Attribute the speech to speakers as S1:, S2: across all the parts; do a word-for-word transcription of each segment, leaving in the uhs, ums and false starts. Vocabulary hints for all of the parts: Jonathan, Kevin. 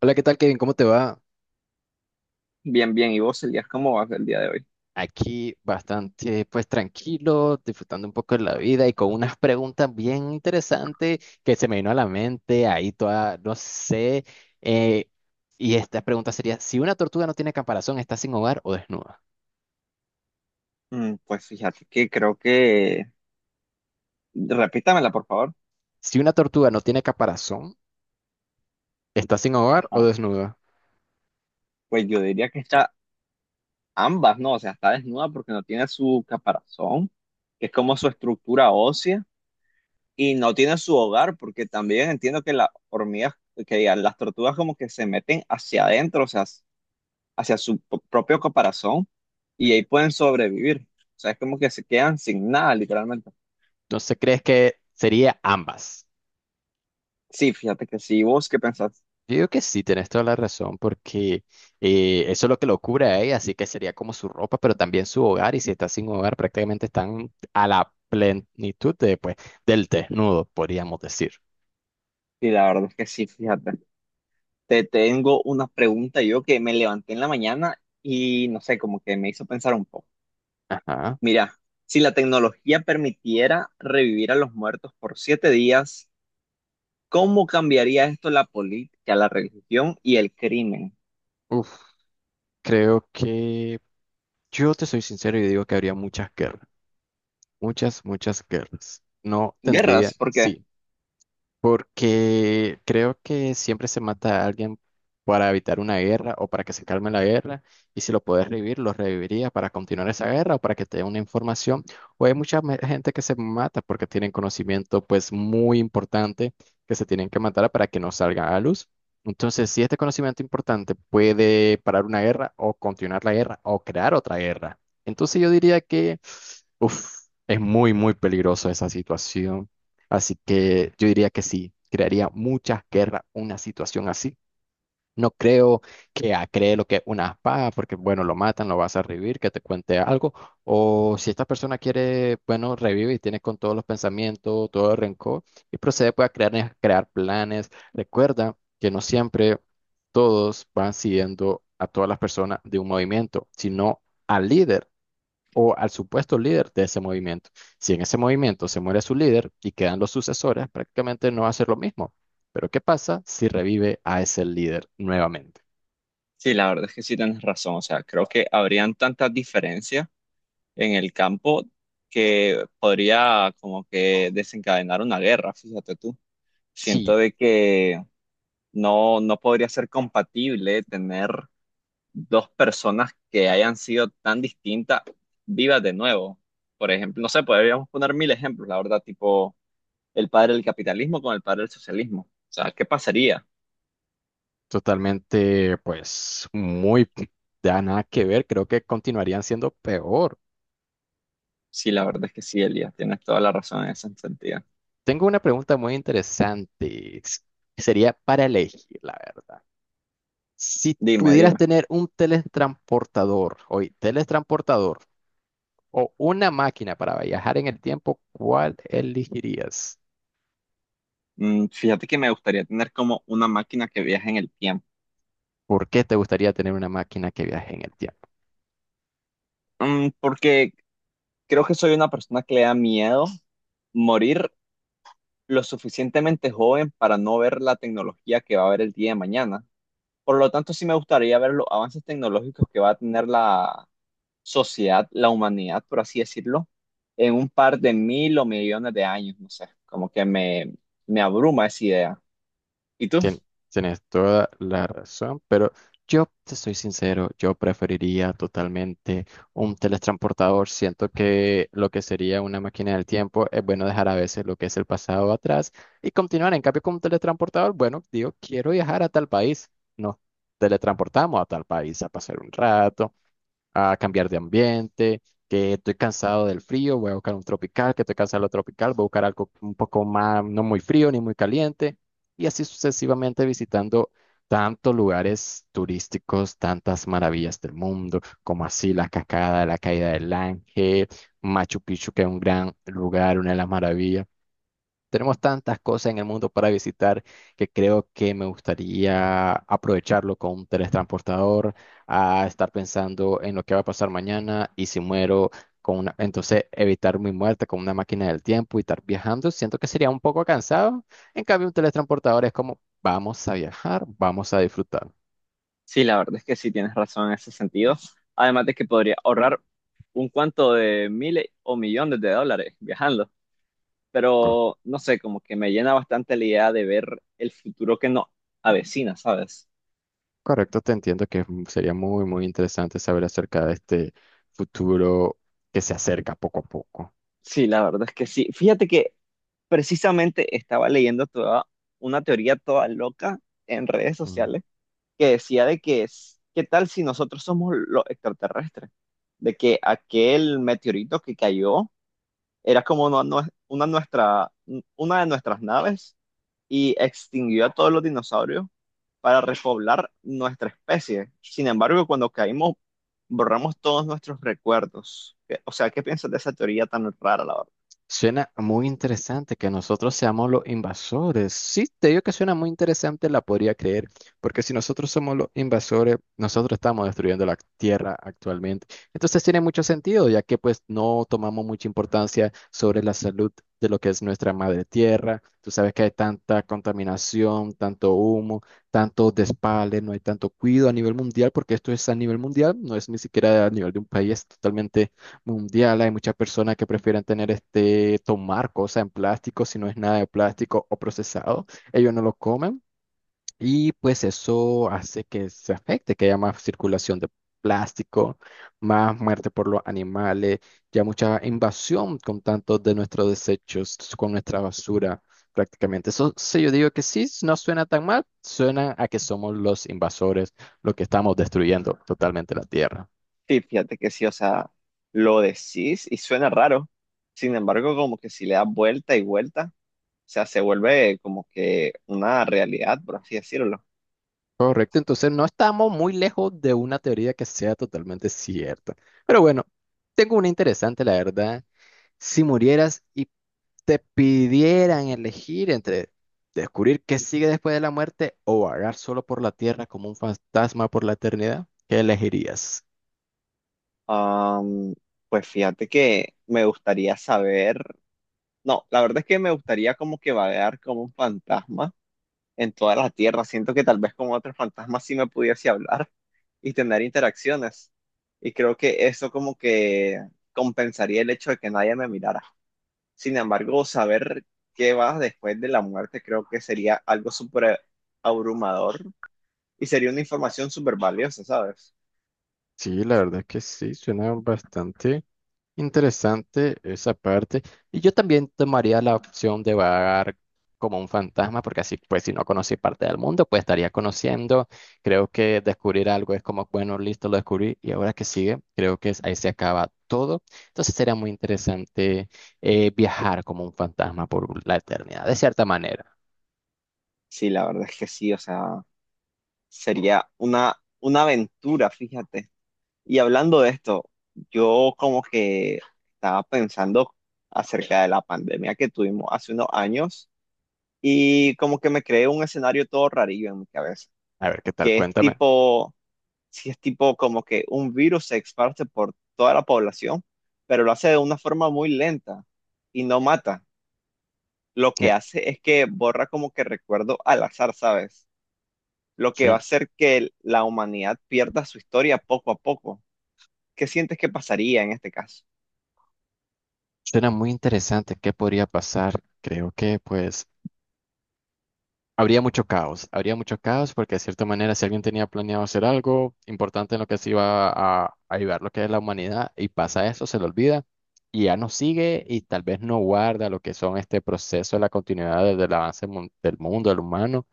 S1: Hola, ¿qué tal, Kevin? ¿Cómo te va?
S2: Bien, bien. ¿Y vos, Elías, cómo vas el día de hoy?
S1: Aquí bastante, pues tranquilo, disfrutando un poco de la vida y con unas preguntas bien interesantes que se me vino a la mente, ahí toda, no sé. eh, y esta pregunta sería, si una tortuga no tiene caparazón, ¿está sin hogar o desnuda?
S2: Mm, pues fíjate que creo que... Repítamela, por favor.
S1: Si una tortuga no tiene caparazón, ¿está sin hogar o
S2: Ajá.
S1: desnuda?
S2: Pues yo diría que está ambas, ¿no? O sea, está desnuda porque no tiene su caparazón, que es como su estructura ósea, y no tiene su hogar porque también entiendo que las hormigas, que ya, las tortugas como que se meten hacia adentro, o sea, hacia su p- propio caparazón, y ahí pueden sobrevivir. O sea, es como que se quedan sin nada, literalmente.
S1: Entonces, ¿crees que sería ambas?
S2: Sí, fíjate que sí. ¿Y ¿Vos qué pensás?
S1: Yo digo que sí, tenés toda la razón, porque eh, eso es lo que lo cubre a ella, así que sería como su ropa, pero también su hogar, y si está sin hogar, prácticamente están a la plenitud de, pues, del desnudo, podríamos decir.
S2: Sí, la verdad es que sí, fíjate. Te tengo una pregunta yo que me levanté en la mañana y no sé, como que me hizo pensar un poco.
S1: Ajá.
S2: Mira, si la tecnología permitiera revivir a los muertos por siete días, ¿cómo cambiaría esto la política, la religión y el crimen?
S1: Uf, creo que yo te soy sincero y digo que habría muchas guerras, muchas, muchas guerras. No tendría,
S2: Guerras, porque
S1: sí. Porque creo que siempre se mata a alguien para evitar una guerra o para que se calme la guerra, y si lo puedes revivir, lo reviviría para continuar esa guerra o para que te dé una información. O hay mucha me- gente que se mata porque tienen conocimiento pues muy importante que se tienen que matar para que no salga a luz. Entonces, si este conocimiento importante puede parar una guerra o continuar la guerra o crear otra guerra, entonces yo diría que uf, es muy, muy peligroso esa situación. Así que yo diría que sí, crearía muchas guerras una situación así. No creo que ah, cree lo que es una espada, porque bueno, lo matan, lo vas a revivir, que te cuente algo. O si esta persona quiere, bueno, revive y tiene con todos los pensamientos, todo el rencor, y procede pues, a crear, eh, crear planes. Recuerda que no siempre todos van siguiendo a todas las personas de un movimiento, sino al líder o al supuesto líder de ese movimiento. Si en ese movimiento se muere su líder y quedan los sucesores, prácticamente no va a ser lo mismo. Pero ¿qué pasa si revive a ese líder nuevamente?
S2: sí, la verdad es que sí tienes razón. O sea, creo que habrían tantas diferencias en el campo que podría como que desencadenar una guerra, fíjate tú.
S1: Sí,
S2: Siento de que no, no podría ser compatible tener dos personas que hayan sido tan distintas vivas de nuevo. Por ejemplo, no sé, podríamos poner mil ejemplos, la verdad, tipo el padre del capitalismo con el padre del socialismo. O sea, ¿qué pasaría?
S1: totalmente, pues muy, ya nada que ver, creo que continuarían siendo peor.
S2: Sí, la verdad es que sí, Elías, tienes toda la razón en ese sentido.
S1: Tengo una pregunta muy interesante, que sería para elegir, la verdad. Si
S2: Dime,
S1: pudieras
S2: dime.
S1: tener un teletransportador, hoy, teletransportador, o una máquina para viajar en el tiempo, ¿cuál elegirías?
S2: Mm, fíjate que me gustaría tener como una máquina que viaje en el tiempo.
S1: ¿Por qué te gustaría tener una máquina que viaje en el tiempo?
S2: Mm, porque creo que soy una persona que le da miedo morir lo suficientemente joven para no ver la tecnología que va a haber el día de mañana. Por lo tanto, sí me gustaría ver los avances tecnológicos que va a tener la sociedad, la humanidad, por así decirlo, en un par de mil o millones de años, no sé, como que me, me abruma esa idea. ¿Y tú?
S1: Tien- Tienes toda la razón, pero yo te soy sincero, yo preferiría totalmente un teletransportador. Siento que lo que sería una máquina del tiempo es bueno dejar a veces lo que es el pasado atrás y continuar. En cambio, con un teletransportador, bueno, digo, quiero viajar a tal país. No teletransportamos a tal país a pasar un rato a cambiar de ambiente, que estoy cansado del frío, voy a buscar un tropical, que estoy cansado de lo tropical, voy a buscar algo un poco más, no muy frío ni muy caliente, y así sucesivamente visitando tantos lugares turísticos, tantas maravillas del mundo, como así la cascada, la caída del Ángel, Machu Picchu, que es un gran lugar, una de las maravillas. Tenemos tantas cosas en el mundo para visitar que creo que me gustaría aprovecharlo con un teletransportador, a estar pensando en lo que va a pasar mañana y si muero con una, entonces evitar mi muerte con una máquina del tiempo y estar viajando. Siento que sería un poco cansado. En cambio, un teletransportador es como vamos a viajar, vamos a disfrutar.
S2: Sí, la verdad es que sí tienes razón en ese sentido. Además de que podría ahorrar un cuanto de miles o millones de dólares viajando.
S1: Co-
S2: Pero no sé, como que me llena bastante la idea de ver el futuro que nos avecina, ¿sabes?
S1: Correcto, te entiendo que sería muy, muy interesante saber acerca de este futuro que se acerca poco a poco.
S2: Sí, la verdad es que sí. Fíjate que precisamente estaba leyendo toda una teoría toda loca en redes
S1: Mm.
S2: sociales que decía de que es, ¿qué tal si nosotros somos los extraterrestres? De que aquel meteorito que cayó era como una, nue- una, nuestra, una de nuestras naves y extinguió a todos los dinosaurios para repoblar nuestra especie. Sin embargo, cuando caímos, borramos todos nuestros recuerdos. ¿Qué- O sea, ¿qué piensas de esa teoría tan rara, la verdad?
S1: Suena muy interesante que nosotros seamos los invasores. Sí, te digo que suena muy interesante, la podría creer, porque si nosotros somos los invasores, nosotros estamos destruyendo la tierra actualmente. Entonces tiene mucho sentido, ya que pues no tomamos mucha importancia sobre la salud de lo que es nuestra madre tierra. Tú sabes que hay tanta contaminación, tanto humo, tanto despale, no hay tanto cuidado a nivel mundial, porque esto es a nivel mundial, no es ni siquiera a nivel de un país, totalmente mundial. Hay muchas personas que prefieren tener este, tomar cosas en plástico, si no es nada de plástico o procesado, ellos no lo comen y pues eso hace que se afecte, que haya más circulación de plástico, más muerte por los animales, ya mucha invasión con tantos de nuestros desechos, con nuestra basura. Prácticamente. Eso sí, yo digo que sí, no suena tan mal, suena a que somos los invasores, los que estamos destruyendo totalmente la tierra.
S2: Sí, fíjate que sí, o sea, lo decís y suena raro. Sin embargo, como que si le das vuelta y vuelta, o sea, se vuelve como que una realidad, por así decirlo.
S1: Correcto, entonces no estamos muy lejos de una teoría que sea totalmente cierta. Pero bueno, tengo una interesante, la verdad. Si murieras y te pidieran elegir entre descubrir qué sigue después de la muerte o vagar solo por la tierra como un fantasma por la eternidad, ¿qué elegirías?
S2: Am, pues fíjate que me gustaría saber, no, la verdad es que me gustaría como que vagar como un fantasma en toda la Tierra. Siento que tal vez con otros fantasmas sí me pudiese hablar y tener interacciones. Y creo que eso como que compensaría el hecho de que nadie me mirara. Sin embargo, saber qué va después de la muerte creo que sería algo súper abrumador y sería una información súper valiosa, ¿sabes?
S1: Sí, la verdad que sí, suena bastante. Interesante esa parte. Y yo también tomaría la opción de vagar como un fantasma, porque así, pues, si no conocí parte del mundo, pues estaría conociendo. Creo que descubrir algo es como, bueno, listo, lo descubrí, y ahora que sigue, creo que es- ahí se acaba todo. Entonces sería muy interesante eh, viajar como un fantasma por la eternidad, de cierta manera.
S2: Sí, la verdad es que sí, o sea, sería una, una aventura, fíjate. Y hablando de esto, yo como que estaba pensando acerca de la pandemia que tuvimos hace unos años y como que me creé un escenario todo rarillo en mi cabeza,
S1: A ver, ¿qué tal?
S2: que es
S1: Cuéntame.
S2: tipo, si es tipo como que un virus se esparce por toda la población, pero lo hace de una forma muy lenta y no mata. Lo que
S1: Eh,
S2: hace es que borra como que recuerdo al azar, ¿sabes? Lo
S1: sí,
S2: que va a hacer que la humanidad pierda su historia poco a poco. ¿Qué sientes que pasaría en este caso?
S1: suena muy interesante. ¿Qué podría pasar? Creo que, pues. Habría mucho caos, habría mucho caos porque de cierta manera si alguien tenía planeado hacer algo importante en lo que se iba a, a ayudar lo que es la humanidad y pasa eso, se le olvida y ya no sigue y tal vez no guarda lo que son este proceso de la continuidad de- del avance mun- del mundo, del humano,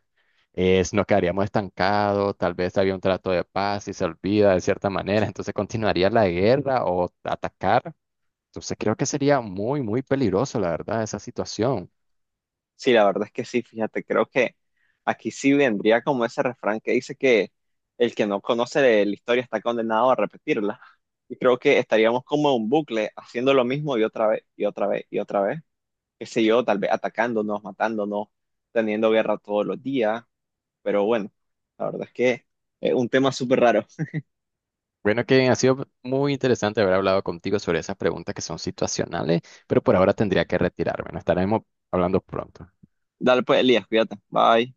S1: es, nos quedaríamos estancados, tal vez había un trato de paz y se olvida de cierta manera, entonces continuaría la guerra o atacar. Entonces creo que sería muy, muy peligroso, la verdad, esa situación.
S2: Sí, la verdad es que sí, fíjate, creo que aquí sí vendría como ese refrán que dice que el que no conoce de la historia está condenado a repetirla. Y creo que estaríamos como en un bucle haciendo lo mismo y otra vez, y otra vez, y otra vez. Qué sé yo, tal vez atacándonos, matándonos, teniendo guerra todos los días. Pero bueno, la verdad es que es un tema súper raro.
S1: Bueno, Kevin, ha sido muy interesante haber hablado contigo sobre esas preguntas que son situacionales, pero por ahora tendría que retirarme. Nos estaremos hablando pronto.
S2: Dale pues, Elías, cuídate. Bye.